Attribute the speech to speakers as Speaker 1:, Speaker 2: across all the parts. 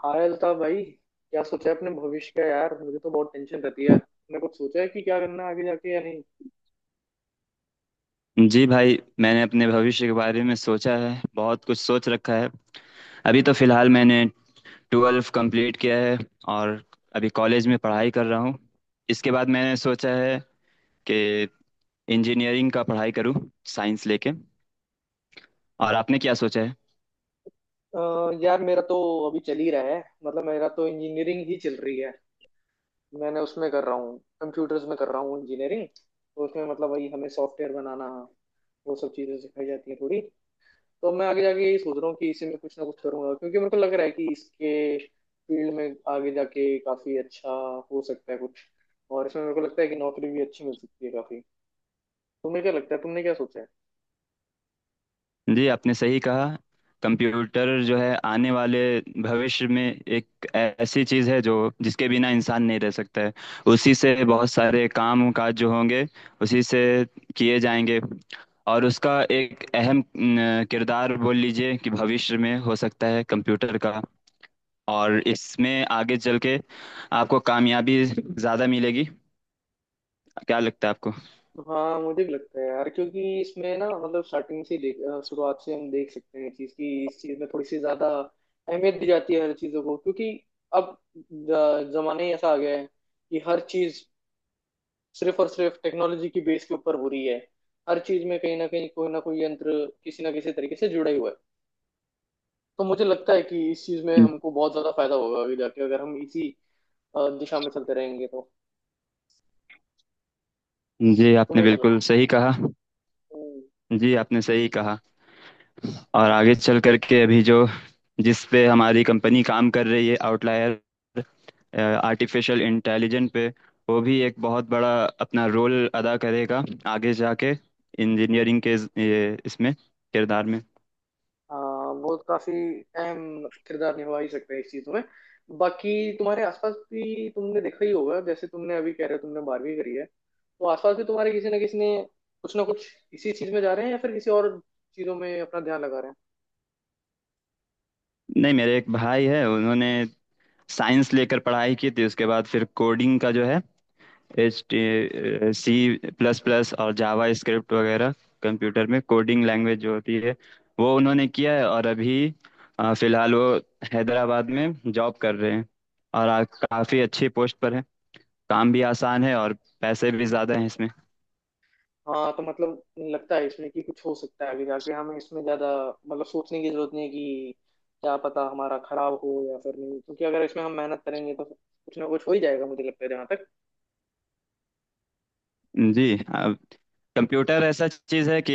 Speaker 1: हाँ अल्ताफ भाई, क्या सोचा है अपने भविष्य का यार? मुझे तो बहुत टेंशन रहती है। तुमने कुछ सोचा है कि क्या करना है आगे जाके या नहीं?
Speaker 2: जी भाई, मैंने अपने भविष्य के बारे में सोचा है, बहुत कुछ सोच रखा है। अभी तो फिलहाल मैंने ट्वेल्व कंप्लीट किया है, और अभी कॉलेज में पढ़ाई कर रहा हूँ। इसके बाद मैंने सोचा है कि इंजीनियरिंग का पढ़ाई करूँ, साइंस लेके। और आपने क्या सोचा है?
Speaker 1: यार, मेरा तो अभी चल ही रहा है। मतलब मेरा तो इंजीनियरिंग ही चल रही है। मैंने उसमें कर रहा हूँ, कंप्यूटर्स में कर रहा हूँ इंजीनियरिंग, तो उसमें मतलब वही हमें सॉफ्टवेयर बनाना, वो सब चीज़ें सिखाई जाती हैं थोड़ी। तो मैं आगे जाके यही सोच रहा हूँ कि इसी में कुछ ना कुछ करूंगा, क्योंकि मेरे को लग रहा है कि इसके फील्ड में आगे जाके काफ़ी अच्छा हो सकता है कुछ। और इसमें मेरे को लगता है कि नौकरी भी अच्छी मिल सकती है काफ़ी। तुम्हें क्या लगता है, तुमने क्या सोचा है?
Speaker 2: जी, आपने सही कहा। कंप्यूटर जो है आने वाले भविष्य में एक ऐसी चीज़ है जो जिसके बिना इंसान नहीं रह सकता है। उसी से बहुत सारे काम काज जो होंगे, उसी से किए जाएंगे। और उसका एक अहम न, किरदार बोल लीजिए कि भविष्य में हो सकता है कंप्यूटर का। और इसमें आगे चल के आपको कामयाबी ज़्यादा मिलेगी। क्या लगता है आपको?
Speaker 1: हाँ मुझे भी लगता है यार, क्योंकि इसमें ना मतलब स्टार्टिंग से ही देख, शुरुआत से हम देख सकते हैं चीज की, इस चीज में थोड़ी सी ज्यादा अहमियत दी जाती है हर चीजों को, क्योंकि अब जमाना ही ऐसा आ गया है कि हर चीज सिर्फ और सिर्फ टेक्नोलॉजी की बेस के ऊपर हो रही है। हर चीज में कहीं ना कहीं कोई ना कोई यंत्र किसी ना किसी तरीके से जुड़ा ही हुआ है। तो मुझे लगता है कि इस चीज में हमको बहुत ज्यादा फायदा होगा आगे जाके, अगर हम इसी दिशा में चलते रहेंगे तो।
Speaker 2: जी, आपने
Speaker 1: तुम्हें क्या लगता
Speaker 2: बिल्कुल सही कहा।
Speaker 1: है?
Speaker 2: जी, आपने सही कहा। और आगे चल करके अभी जो जिस पे हमारी कंपनी काम कर रही है आउटलायर, आर्टिफिशियल इंटेलिजेंट पे, वो भी एक बहुत बड़ा अपना रोल अदा करेगा, आगे जाके इंजीनियरिंग के ये इसमें किरदार में।
Speaker 1: हाँ वो काफी अहम किरदार निभा ही सकते हैं इस चीज में। बाकी तुम्हारे आसपास भी तुमने देखा ही होगा, जैसे तुमने अभी कह रहे हो तुमने 12वीं करी है, तो आसपास भी तुम्हारे किसी ना किसी ने कुछ ना कुछ इसी चीज में जा रहे हैं या फिर किसी और चीजों में अपना ध्यान लगा रहे हैं।
Speaker 2: नहीं, मेरे एक भाई है, उन्होंने साइंस लेकर पढ़ाई की थी। उसके बाद फिर कोडिंग का जो है एच सी प्लस प्लस और जावा स्क्रिप्ट वगैरह, कंप्यूटर में कोडिंग लैंग्वेज जो होती है वो उन्होंने किया है। और अभी फिलहाल वो हैदराबाद में जॉब कर रहे हैं। और काफी अच्छी पोस्ट पर है, काम भी आसान है और पैसे भी ज्यादा हैं इसमें।
Speaker 1: हाँ तो मतलब लगता है इसमें कि कुछ हो सकता है आगे जाके, हमें इसमें ज्यादा मतलब सोचने की जरूरत नहीं है कि क्या पता हमारा खराब हो या फिर नहीं, क्योंकि अगर इसमें हम मेहनत करेंगे तो कुछ ना कुछ हो ही जाएगा मुझे लगता है जहाँ
Speaker 2: जी, कंप्यूटर ऐसा चीज है कि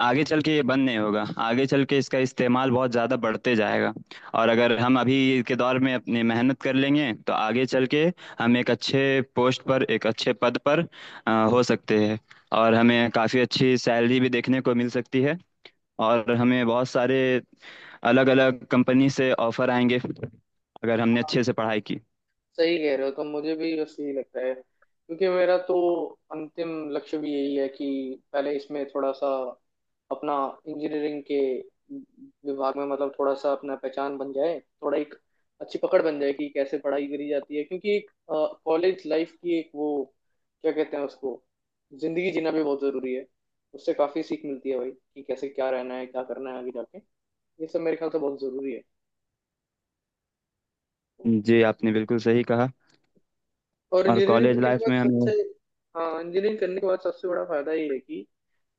Speaker 2: आगे चल के ये बंद नहीं होगा। आगे चल के इसका इस्तेमाल बहुत ज्यादा बढ़ते जाएगा। और अगर हम अभी के दौर में अपनी मेहनत कर लेंगे तो आगे चल के हम एक अच्छे पोस्ट पर, एक अच्छे पद पर हो सकते हैं। और हमें काफी अच्छी सैलरी भी देखने को मिल सकती है। और हमें बहुत सारे अलग अलग कंपनी से ऑफर आएंगे, अगर हमने
Speaker 1: तक।
Speaker 2: अच्छे से पढ़ाई की।
Speaker 1: सही कह रहे हो, तो मुझे भी ऐसे ही लगता है क्योंकि मेरा तो अंतिम लक्ष्य भी यही है कि पहले इसमें थोड़ा सा अपना इंजीनियरिंग के विभाग में मतलब थोड़ा सा अपना पहचान बन जाए, थोड़ा एक अच्छी पकड़ बन जाए कि कैसे पढ़ाई करी जाती है, क्योंकि एक कॉलेज लाइफ की एक वो क्या कहते हैं उसको, जिंदगी जीना भी बहुत जरूरी है। उससे काफी सीख मिलती है भाई कि कैसे क्या रहना है क्या करना है आगे जाके, ये सब मेरे ख्याल से बहुत जरूरी है।
Speaker 2: जी, आपने बिल्कुल सही कहा।
Speaker 1: और
Speaker 2: और
Speaker 1: इंजीनियरिंग
Speaker 2: कॉलेज
Speaker 1: करने के
Speaker 2: लाइफ
Speaker 1: बाद
Speaker 2: में हमें।
Speaker 1: सबसे। हाँ इंजीनियरिंग करने के बाद सबसे बड़ा फायदा ये है कि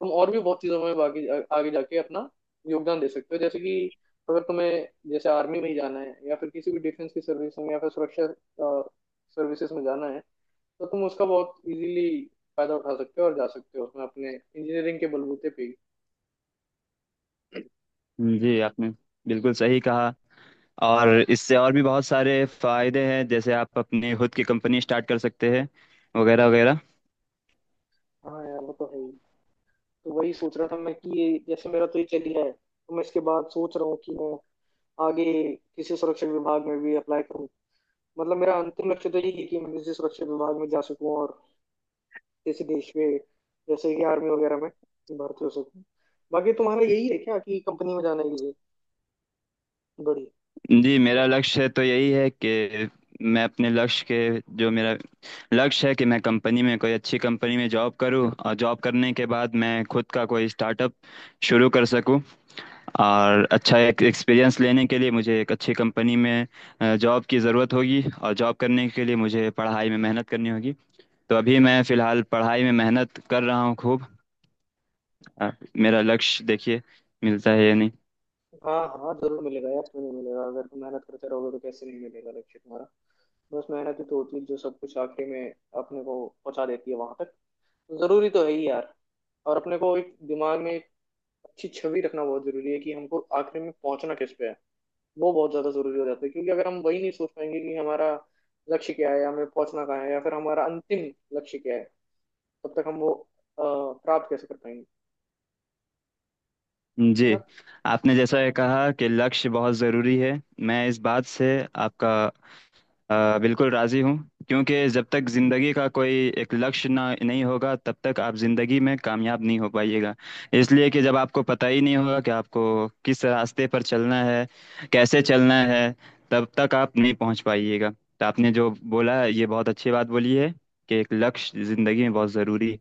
Speaker 1: तुम और भी बहुत चीज़ों में बाकी आगे जाके अपना योगदान दे सकते हो, जैसे कि अगर तुम्हें जैसे आर्मी में ही जाना है या फिर किसी भी डिफेंस की सर्विस में या फिर सुरक्षा सर्विसेज में जाना है, तो तुम उसका बहुत इजीली फायदा उठा सकते हो और जा सकते हो उसमें अपने इंजीनियरिंग के बलबूते पे ही।
Speaker 2: जी, आपने बिल्कुल सही कहा। और इससे और भी बहुत सारे फायदे हैं, जैसे आप अपनी खुद की कंपनी स्टार्ट कर सकते हैं, वगैरह वगैरह।
Speaker 1: हाँ यार वो तो है ही। तो वही सोच रहा था मैं कि ये जैसे मेरा तो ये चल गया है, तो मैं इसके बाद सोच रहा हूँ कि मैं आगे किसी सुरक्षा विभाग में भी अप्लाई करूँ। मतलब मेरा अंतिम लक्ष्य तो यही है कि मैं किसी सुरक्षा विभाग में जा सकूं और किसी देश में, जैसे कि आर्मी वगैरह में, भर्ती हो सकूं। बाकी तुम्हारा यही है क्या कि कंपनी में जाना है किसी बड़ी?
Speaker 2: जी, मेरा लक्ष्य तो यही है कि मैं अपने लक्ष्य के जो मेरा लक्ष्य है कि मैं कंपनी में, कोई अच्छी कंपनी में जॉब करूं, और जॉब करने के बाद मैं खुद का कोई स्टार्टअप शुरू कर सकूं। और अच्छा एक एक्सपीरियंस लेने के लिए मुझे एक अच्छी कंपनी में जॉब की ज़रूरत होगी, और जॉब करने के लिए मुझे पढ़ाई में मेहनत करनी होगी। तो अभी मैं फ़िलहाल पढ़ाई में मेहनत कर रहा हूँ खूब। आ, मेरा लक्ष्य, देखिए मिलता है या नहीं।
Speaker 1: हाँ हाँ जरूर मिलेगा यार, क्यों नहीं मिलेगा? अगर तुम मेहनत करते रहोगे तो कैसे नहीं मिलेगा लक्ष्य तुम्हारा? बस मेहनत ही तो होती है जो सब कुछ आखिरी में अपने को पहुंचा देती है वहां तक। जरूरी तो है ही यार। और अपने को एक दिमाग में एक अच्छी छवि रखना बहुत जरूरी है कि हमको आखिर में पहुंचना किस पे है। वो बहुत ज्यादा जरूरी हो जाता है, क्योंकि अगर हम वही नहीं सोच पाएंगे कि हमारा लक्ष्य क्या है, हमें पहुंचना कहाँ है, या फिर हमारा अंतिम लक्ष्य क्या है, तब तक हम वो अ, प्राप्त कैसे कर पाएंगे?
Speaker 2: जी,
Speaker 1: है ना?
Speaker 2: आपने जैसा ये कहा कि लक्ष्य बहुत ज़रूरी है, मैं इस बात से आपका बिल्कुल राज़ी हूँ। क्योंकि जब तक ज़िंदगी का कोई एक लक्ष्य नहीं होगा, तब तक आप ज़िंदगी में कामयाब नहीं हो पाइएगा। इसलिए कि जब आपको पता ही नहीं होगा कि आपको किस रास्ते पर चलना है, कैसे चलना है, तब तक आप नहीं पहुँच पाइएगा। तो आपने जो बोला ये बहुत अच्छी बात बोली है कि एक लक्ष्य ज़िंदगी में बहुत ज़रूरी है।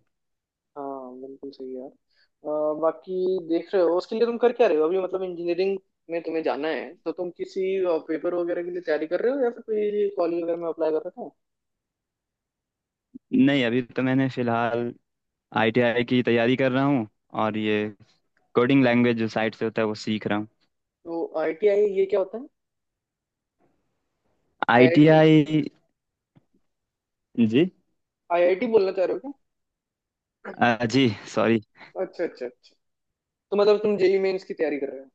Speaker 1: हाँ बिल्कुल सही यार। बाकी देख रहे हो, उसके लिए तुम कर क्या रहे हो अभी? मतलब इंजीनियरिंग में तुम्हें जाना है तो तुम किसी पेपर वगैरह के लिए तैयारी कर रहे हो या फिर कोई कॉलेज वगैरह में अप्लाई कर रहे हो?
Speaker 2: नहीं, अभी तो मैंने फिलहाल आईटीआई की तैयारी कर रहा हूँ। और ये कोडिंग लैंग्वेज जो साइट से होता है वो सीख रहा हूँ।
Speaker 1: तो आईटीआई ये क्या होता है? आईआईटी।
Speaker 2: आईटीआई। जी।
Speaker 1: आईआईटी बोलना चाह रहे हो
Speaker 2: जी, सॉरी।
Speaker 1: क्या? अच्छा अच्छा अच्छा। तो मतलब तुम जेई मेंस की तैयारी कर रहे हो।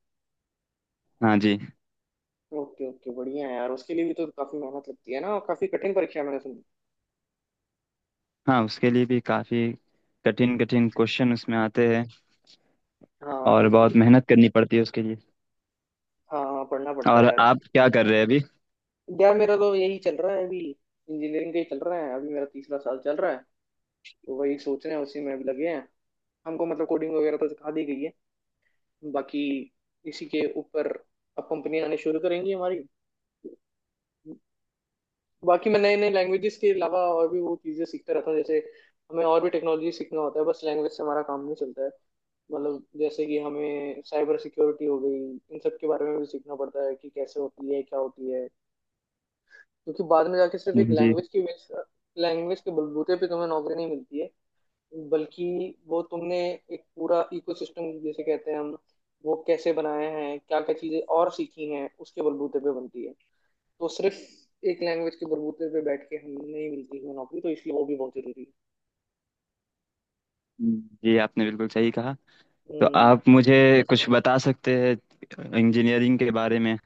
Speaker 2: हाँ जी।
Speaker 1: ओके ओके बढ़िया है यार, उसके लिए भी तो काफी मेहनत लगती है ना? और काफी कठिन परीक्षा है मैंने सुनी।
Speaker 2: हाँ, उसके लिए भी काफ़ी कठिन कठिन क्वेश्चन उसमें आते हैं।
Speaker 1: हाँ तो
Speaker 2: और
Speaker 1: उसके
Speaker 2: बहुत
Speaker 1: लिए।
Speaker 2: मेहनत करनी पड़ती है उसके लिए।
Speaker 1: हाँ हाँ, पढ़ना पड़ता है
Speaker 2: और
Speaker 1: यार
Speaker 2: आप
Speaker 1: उसके
Speaker 2: क्या कर रहे हैं अभी?
Speaker 1: लिए। यार मेरा तो यही चल रहा है अभी, इंजीनियरिंग का ही चल रहा है, अभी मेरा तीसरा साल चल रहा है। तो वही सोच रहे हैं, उसी में अभी लगे हैं। हमको मतलब कोडिंग वगैरह तो सिखा दी गई है। बाकी इसी के ऊपर अब कंपनियां आने शुरू करेंगी हमारी। बाकी मैं नए नए लैंग्वेजेस के अलावा और भी वो चीज़ें सीखता रहता हूँ, जैसे हमें और भी टेक्नोलॉजी सीखना होता है, बस लैंग्वेज से हमारा काम नहीं चलता है। मतलब जैसे कि हमें साइबर सिक्योरिटी हो गई, इन सब के बारे में भी सीखना पड़ता है कि कैसे होती है क्या होती है। क्योंकि बाद में जाके सिर्फ एक
Speaker 2: जी।
Speaker 1: लैंग्वेज की लैंग्वेज के बलबूते पे तुम्हें नौकरी नहीं मिलती है, बल्कि वो तुमने एक पूरा इकोसिस्टम जैसे कहते हैं हम, वो कैसे बनाए हैं, क्या क्या चीज़ें और सीखी हैं उसके बलबूते पे बनती है। तो सिर्फ एक लैंग्वेज के बलबूते पे बैठ के हम नहीं मिलती है नौकरी, तो इसलिए वो भी बहुत जरूरी है।
Speaker 2: जी, आपने बिल्कुल सही कहा। तो
Speaker 1: हम्म।
Speaker 2: आप मुझे कुछ बता सकते हैं इंजीनियरिंग के बारे में?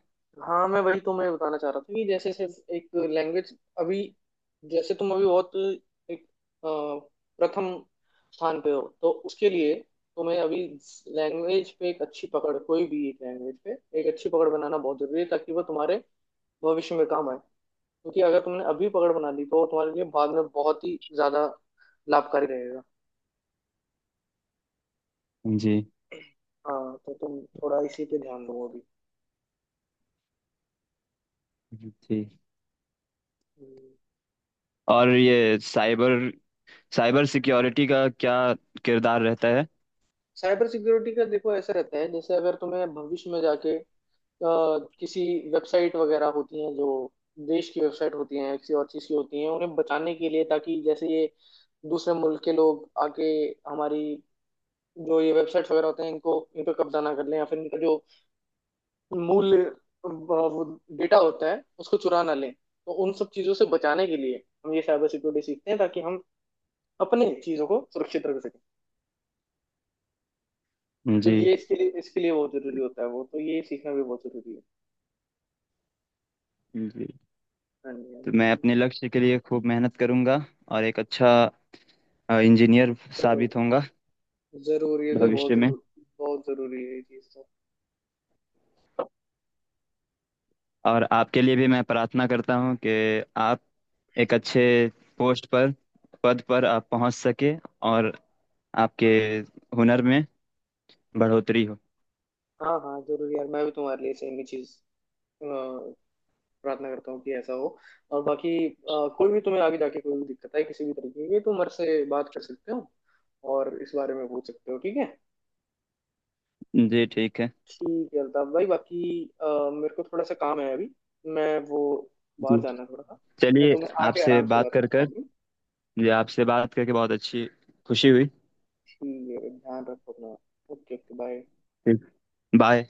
Speaker 1: हाँ मैं वही तुम्हें बताना चाह रहा था कि जैसे सिर्फ एक लैंग्वेज अभी जैसे तुम अभी बहुत एक अ, प्रथम स्थान पे हो, तो उसके लिए तुम्हें अभी लैंग्वेज पे एक अच्छी पकड़, कोई भी एक लैंग्वेज पे एक अच्छी पकड़ बनाना बहुत जरूरी है, ताकि वो तुम्हारे भविष्य में काम आए, क्योंकि अगर तुमने अभी पकड़ बना ली तो वो तुम्हारे लिए बाद में बहुत ही ज्यादा लाभकारी रहेगा।
Speaker 2: जी।
Speaker 1: हाँ तो तुम थोड़ा इसी पे ध्यान दो अभी।
Speaker 2: जी।
Speaker 1: हम्म।
Speaker 2: और ये साइबर साइबर सिक्योरिटी का क्या किरदार रहता है?
Speaker 1: साइबर सिक्योरिटी का देखो ऐसा रहता है, जैसे अगर तुम्हें भविष्य में जाके अ, किसी वेबसाइट वगैरह होती हैं जो देश की वेबसाइट होती हैं, किसी और चीज़ की होती हैं, उन्हें बचाने के लिए, ताकि जैसे ये दूसरे मुल्क के लोग आके हमारी जो ये वेबसाइट्स वगैरह होते हैं इनको, इन पर कब्जा ना कर लें, या फिर इनका जो मूल वो डेटा होता है उसको चुरा ना लें, तो उन सब चीज़ों से बचाने के लिए हम ये साइबर सिक्योरिटी सीखते हैं, ताकि हम अपने चीज़ों को सुरक्षित रख सकें। तो
Speaker 2: जी।
Speaker 1: ये इसके लिए बहुत जरूरी होता है वो तो, ये सीखना भी बहुत जरूरी है।
Speaker 2: जी।
Speaker 1: हाँ जी, हाँ
Speaker 2: तो
Speaker 1: जी, हाँ
Speaker 2: मैं
Speaker 1: जी।
Speaker 2: अपने लक्ष्य के लिए खूब मेहनत करूंगा और एक अच्छा इंजीनियर
Speaker 1: जरूर,
Speaker 2: साबित होऊंगा
Speaker 1: जरूर ये तो बहुत
Speaker 2: भविष्य में।
Speaker 1: जरूर, बहुत जरूरी है ये चीज़ तो।
Speaker 2: और आपके लिए भी मैं प्रार्थना करता हूं कि आप एक अच्छे पोस्ट पर, पद पर आप पहुंच सके, और आपके हुनर में बढ़ोतरी हो।
Speaker 1: हाँ हाँ जरूर यार, मैं भी तुम्हारे लिए सेम ही चीज़ अ, प्रार्थना करता हूँ कि ऐसा हो। और बाकी कोई भी तुम्हें आगे जाके कोई भी दिक्कत है किसी भी तरीके की, तुम मेरे से बात कर सकते हो और इस बारे में पूछ सकते हो, ठीक है?
Speaker 2: जी ठीक है।
Speaker 1: ठीक है अल्ताफ भाई। बाकी अ, मेरे को थोड़ा सा काम है अभी, मैं वो, बाहर
Speaker 2: जी
Speaker 1: जाना है थोड़ा सा। मैं
Speaker 2: चलिए।
Speaker 1: तुम्हें आके
Speaker 2: आपसे
Speaker 1: आराम से
Speaker 2: बात
Speaker 1: बात
Speaker 2: कर
Speaker 1: करता
Speaker 2: कर
Speaker 1: हूँ।
Speaker 2: जी, आपसे बात करके बहुत अच्छी खुशी हुई।
Speaker 1: ठीक है, ध्यान रखो अपना। Okay okay bye.
Speaker 2: जी, बाय।